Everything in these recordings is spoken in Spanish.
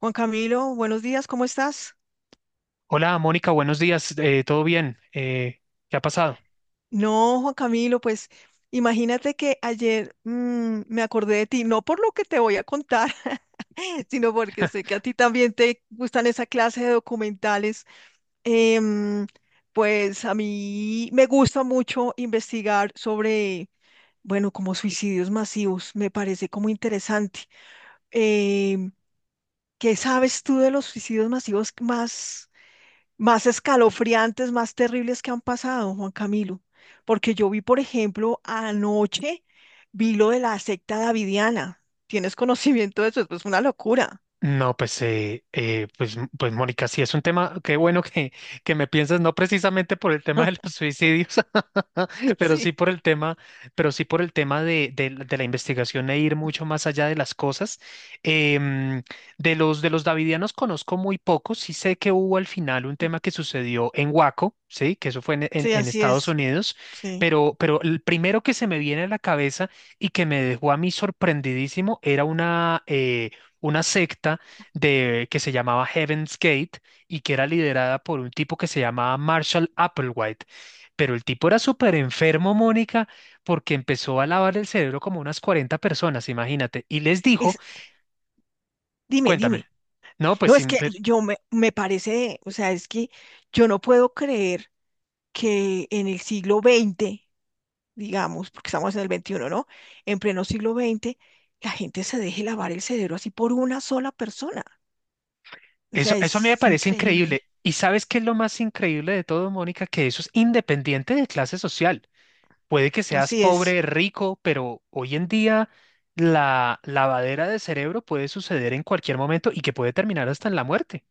Juan Camilo, buenos días, ¿cómo estás? Hola, Mónica, buenos días. ¿Todo bien? ¿Qué ha pasado? No, Juan Camilo, pues imagínate que ayer me acordé de ti, no por lo que te voy a contar, sino porque sé que a ti también te gustan esa clase de documentales. Em, pues a mí me gusta mucho investigar sobre, bueno, como suicidios masivos, me parece como interesante. Em, ¿Qué sabes tú de los suicidios masivos más? Más escalofriantes, más terribles que han pasado, Juan Camilo. Porque yo vi, por ejemplo, anoche, vi lo de la secta davidiana. ¿Tienes conocimiento de eso? Es pues una locura. No, pues, pues, m- pues Mónica, sí es un tema, qué bueno que me piensas, no precisamente por el tema de los suicidios, pero sí Sí, por el pero sí por el tema de la investigación e ir mucho más allá de las cosas. Em, de los davidianos conozco muy poco, sí sé que hubo al final un tema que sucedió en Waco, sí, que eso fue sí, en así Estados es. Unidos. Sí. Pero el primero que se me viene a la cabeza y que me dejó a mí sorprendidísimo era una una secta que se llamaba Heaven's Gate y que era liderada por un tipo que se llamaba Marshall Applewhite. Pero el tipo era súper enfermo, Mónica, porque empezó a lavar el cerebro como unas 40 personas, imagínate, y les dijo, Es, dime, cuéntame, dime. no, pues No, es que yo me parece, o sea, es que yo no puedo creer que en el siglo XX, digamos, porque estamos en el XXI, ¿no? En pleno siglo XX, la gente se deje lavar el cerebro así por una sola persona. O eso, sea, eso a mí me es parece increíble. increíble. ¿Y sabes qué es lo más increíble de todo, Mónica? Que eso es independiente de clase social. Puede que seas Así es. pobre, rico, pero hoy en día la lavadera de cerebro puede suceder en cualquier momento y que puede terminar hasta en la muerte.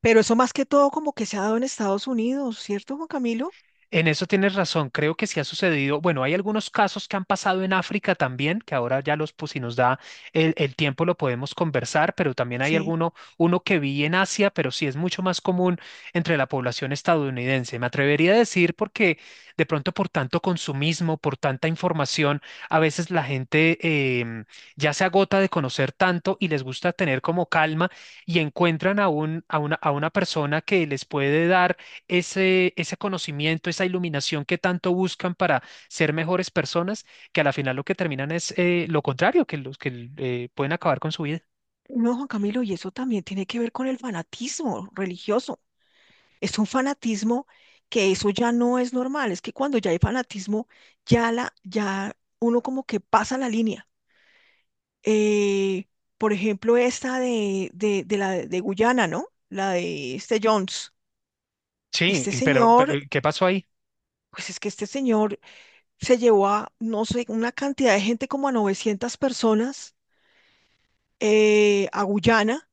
Pero eso más que todo como que se ha dado en Estados Unidos, ¿cierto, Juan Camilo? En eso tienes razón, creo que sí ha sucedido. Bueno, hay algunos casos que han pasado en África también, que ahora ya los, pues si nos da el tiempo lo podemos conversar, pero también hay Sí. alguno, uno que vi en Asia, pero sí es mucho más común entre la población estadounidense. Me atrevería a decir porque de pronto por tanto consumismo, por tanta información, a veces la gente em, ya se agota de conocer tanto y les gusta tener como calma y encuentran a una persona que les puede dar ese conocimiento, esa iluminación que tanto buscan para ser mejores personas, que a la final lo que terminan es lo contrario, que los que pueden acabar con su vida. No, Juan Camilo, y eso también tiene que ver con el fanatismo religioso. Es un fanatismo que eso ya no es normal. Es que cuando ya hay fanatismo, ya la, ya uno como que pasa la línea. Eh, por ejemplo, esta de la de Guyana, ¿no? La de este Jones. Sí, Este y pero, pero señor, ¿y ¿qué pasó ahí? pues es que este señor se llevó a, no sé, una cantidad de gente como a 900 personas a Guyana,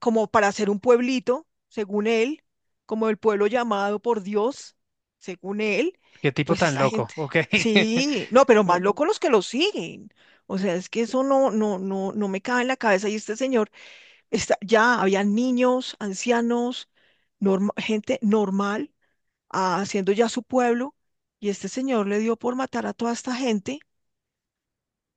como para hacer un pueblito, según él, como el pueblo llamado por Dios, según él, ¿Qué tipo pues tan esta loco? gente, Ok. sí, no, pero más locos los que lo siguen. O sea, es que eso no me cabe en la cabeza. Y este señor, está, ya había niños, ancianos, gente normal, ah, haciendo ya su pueblo, y este señor le dio por matar a toda esta gente,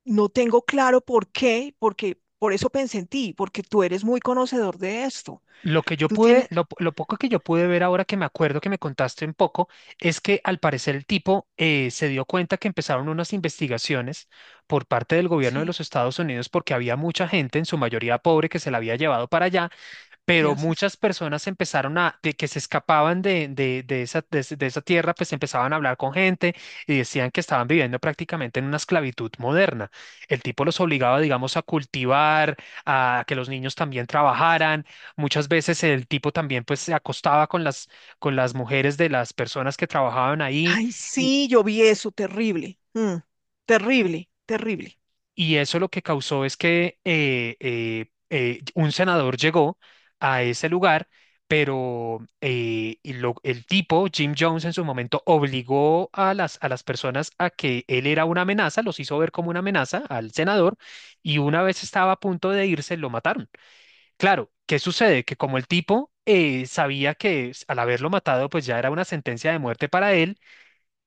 no tengo claro por qué, porque por eso pensé en ti, porque tú eres muy conocedor de esto. Lo que yo Tú tienes... lo poco que yo pude ver ahora que me acuerdo que me contaste un poco, es que al parecer el tipo se dio cuenta que empezaron unas investigaciones por parte del gobierno de Sí, los Estados Unidos porque había mucha gente, en su mayoría pobre, que se la había llevado para allá. Pero gracias. muchas personas empezaron a, de que se escapaban de esa tierra, pues empezaban a hablar con gente y decían que estaban viviendo prácticamente en una esclavitud moderna. El tipo los obligaba, digamos, a cultivar, a que los niños también trabajaran. Muchas veces el tipo también, pues, se acostaba con con las mujeres de las personas que trabajaban ahí. Ay, sí, yo vi eso, terrible. Terrible, terrible. Y eso lo que causó es que un senador llegó a ese lugar, pero el tipo, Jim Jones, en su momento obligó a a las personas a que él era una amenaza, los hizo ver como una amenaza al senador, y una vez estaba a punto de irse, lo mataron. Claro, ¿qué sucede? Que como el tipo sabía que al haberlo matado, pues ya era una sentencia de muerte para él.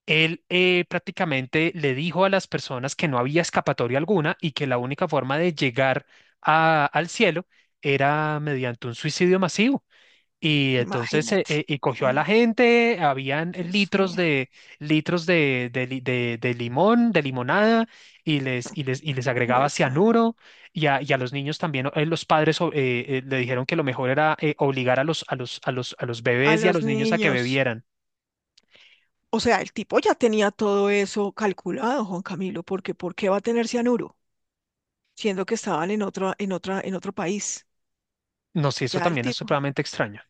Él prácticamente le dijo a las personas que no había escapatoria alguna y que la única forma de llegar al cielo era mediante un suicidio masivo. Y entonces Imagínate. Y cogió a No, la gente, habían Dios litros mío, de limonada, y les agregaba Dios mío. cianuro, y a los niños también, los padres le dijeron que lo mejor era obligar a los A bebés y a los los niños a que niños. bebieran. O sea, el tipo ya tenía todo eso calculado, Juan Camilo, porque ¿por qué va a tener cianuro? Siendo que estaban en otra, en otra, en otro país. No, sé, eso Ya el también es tipo. supremamente extraño.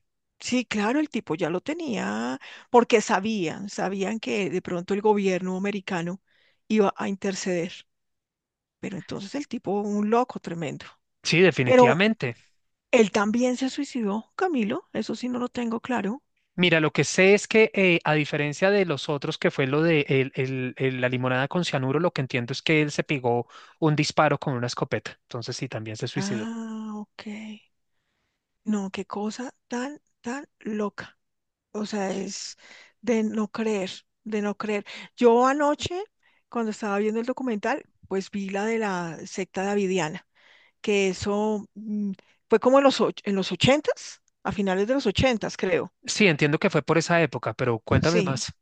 Sí, claro, el tipo ya lo tenía, porque sabían, sabían que de pronto el gobierno americano iba a interceder, pero entonces el tipo, un loco tremendo. Sí, Pero definitivamente. él también se suicidó, Camilo, eso sí no lo tengo claro. Mira, lo que sé es que a diferencia de los otros, que fue lo de la limonada con cianuro, lo que entiendo es que él se pegó un disparo con una escopeta. Entonces sí, también se suicidó. Ah, ok. No, qué cosa tan, tan loca. O sea, es de no creer, de no creer. Yo anoche, cuando estaba viendo el documental, pues vi la de la secta davidiana que eso fue como en los, en los ochentas, a finales de los ochentas, creo. Sí, entiendo que fue por esa época, pero cuéntame Sí. más.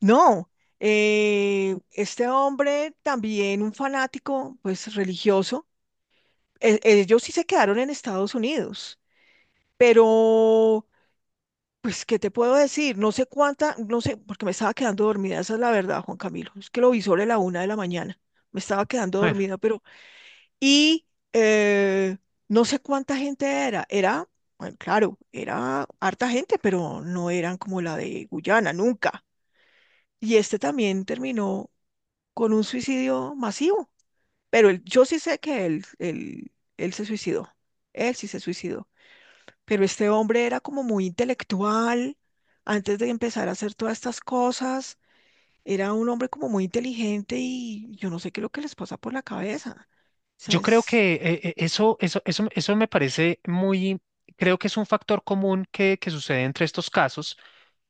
No, este hombre también un fanático, pues religioso. Ellos sí se quedaron en Estados Unidos, pero, pues, ¿qué te puedo decir? No sé cuánta, no sé, porque me estaba quedando dormida, esa es la verdad, Juan Camilo. Es que lo vi sobre la una de la mañana. Me estaba quedando Bueno. dormida, pero... Y eh, no sé cuánta gente era. Era, bueno, claro, era harta gente, pero no eran como la de Guyana, nunca. Y este también terminó con un suicidio masivo. Pero yo sí sé que él se suicidó. Él sí se suicidó. Pero este hombre era como muy intelectual. Antes de empezar a hacer todas estas cosas, era un hombre como muy inteligente y yo no sé qué es lo que les pasa por la cabeza. O sea, Yo creo es... que eso me parece muy, creo que es un factor común que sucede entre estos casos,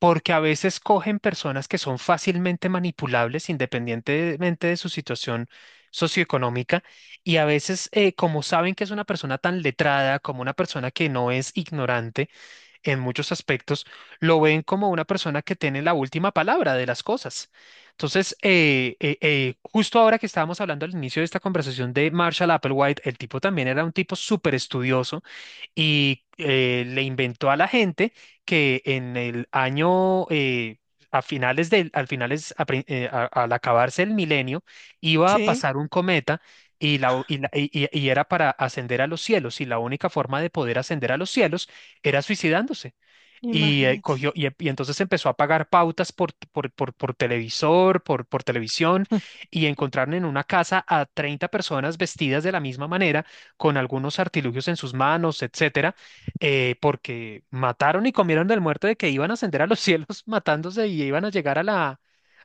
porque a veces cogen personas que son fácilmente manipulables independientemente de su situación socioeconómica y a veces como saben que es una persona tan letrada, como una persona que no es ignorante, en muchos aspectos, lo ven como una persona que tiene la última palabra de las cosas. Entonces, justo ahora que estábamos hablando al inicio de esta conversación de Marshall Applewhite, el tipo también era un tipo súper estudioso y le inventó a la gente que en el año... A finales del, al finales, a prin- a- al acabarse el milenio, iba a Sí, pasar un cometa y era para ascender a los cielos, y la única forma de poder ascender a los cielos era suicidándose. Y, imagínate. Y entonces empezó a pagar pautas por televisor, por televisión, y encontraron en una casa a 30 personas vestidas de la misma manera, con algunos artilugios en sus manos, etcétera, porque mataron y comieron del muerto de que iban a ascender a los cielos matándose y iban a llegar a, la,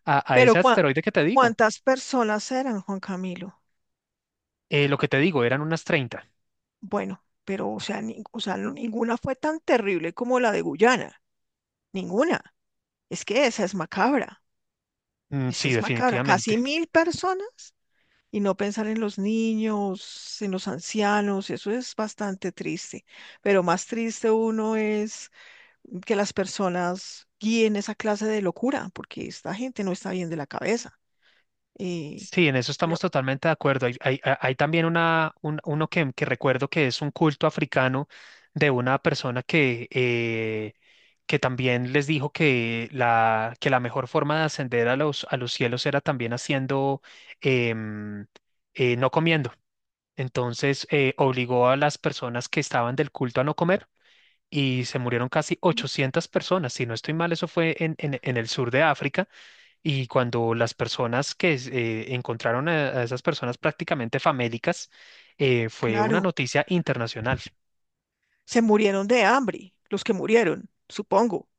a, a Pero ese asteroide que te digo. ¿cuántas personas eran, Juan Camilo? Lo que te digo, eran unas treinta. Bueno, pero o sea, o sea, ninguna fue tan terrible como la de Guyana, ninguna. Es que esa es macabra, Mm, esa sí, es macabra. definitivamente. Casi 1.000 personas y no pensar en los niños, en los ancianos, eso es bastante triste. Pero más triste uno es que las personas guíen esa clase de locura, porque esta gente no está bien de la cabeza. Eh, Sí, en eso lo- estamos totalmente de acuerdo. Hay también uno que recuerdo que es un culto africano de una persona que también les dijo que que la mejor forma de ascender a los cielos era también em, no comiendo. Entonces, obligó a las personas que estaban del culto a no comer y se murieron casi 800 personas. Si no estoy mal, eso fue en el sur de África y cuando las personas que encontraron a esas personas prácticamente famélicas, fue una claro. noticia internacional. Se murieron de hambre, los que murieron, supongo.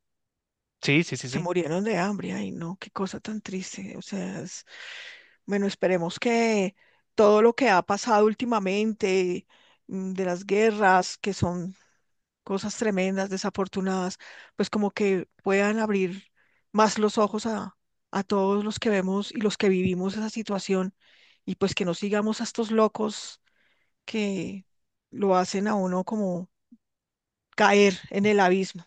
Sí, sí, sí, Se sí. murieron de hambre. Ay, no, qué cosa tan triste. O sea, es... bueno, esperemos que todo lo que ha pasado últimamente, de las guerras, que son cosas tremendas, desafortunadas, pues como que puedan abrir más los ojos a todos los que vemos y los que vivimos esa situación y pues que no sigamos a estos locos que lo hacen a uno como caer en el abismo.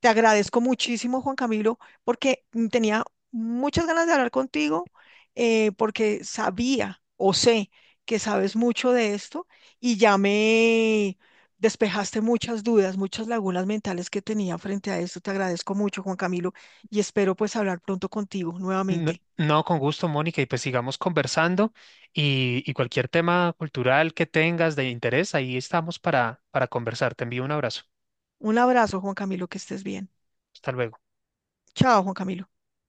Te agradezco muchísimo, Juan Camilo, porque tenía muchas ganas de hablar contigo, porque sabía o sé que sabes mucho de esto y ya me despejaste muchas dudas, muchas lagunas mentales que tenía frente a esto. Te agradezco mucho, Juan Camilo, y espero pues hablar pronto contigo No, nuevamente. no, con gusto, Mónica, y pues sigamos conversando y cualquier tema cultural que tengas de interés, ahí estamos para conversar. Te envío un abrazo. Un abrazo, Juan Camilo, que estés bien. Hasta luego. Chao, Juan Camilo.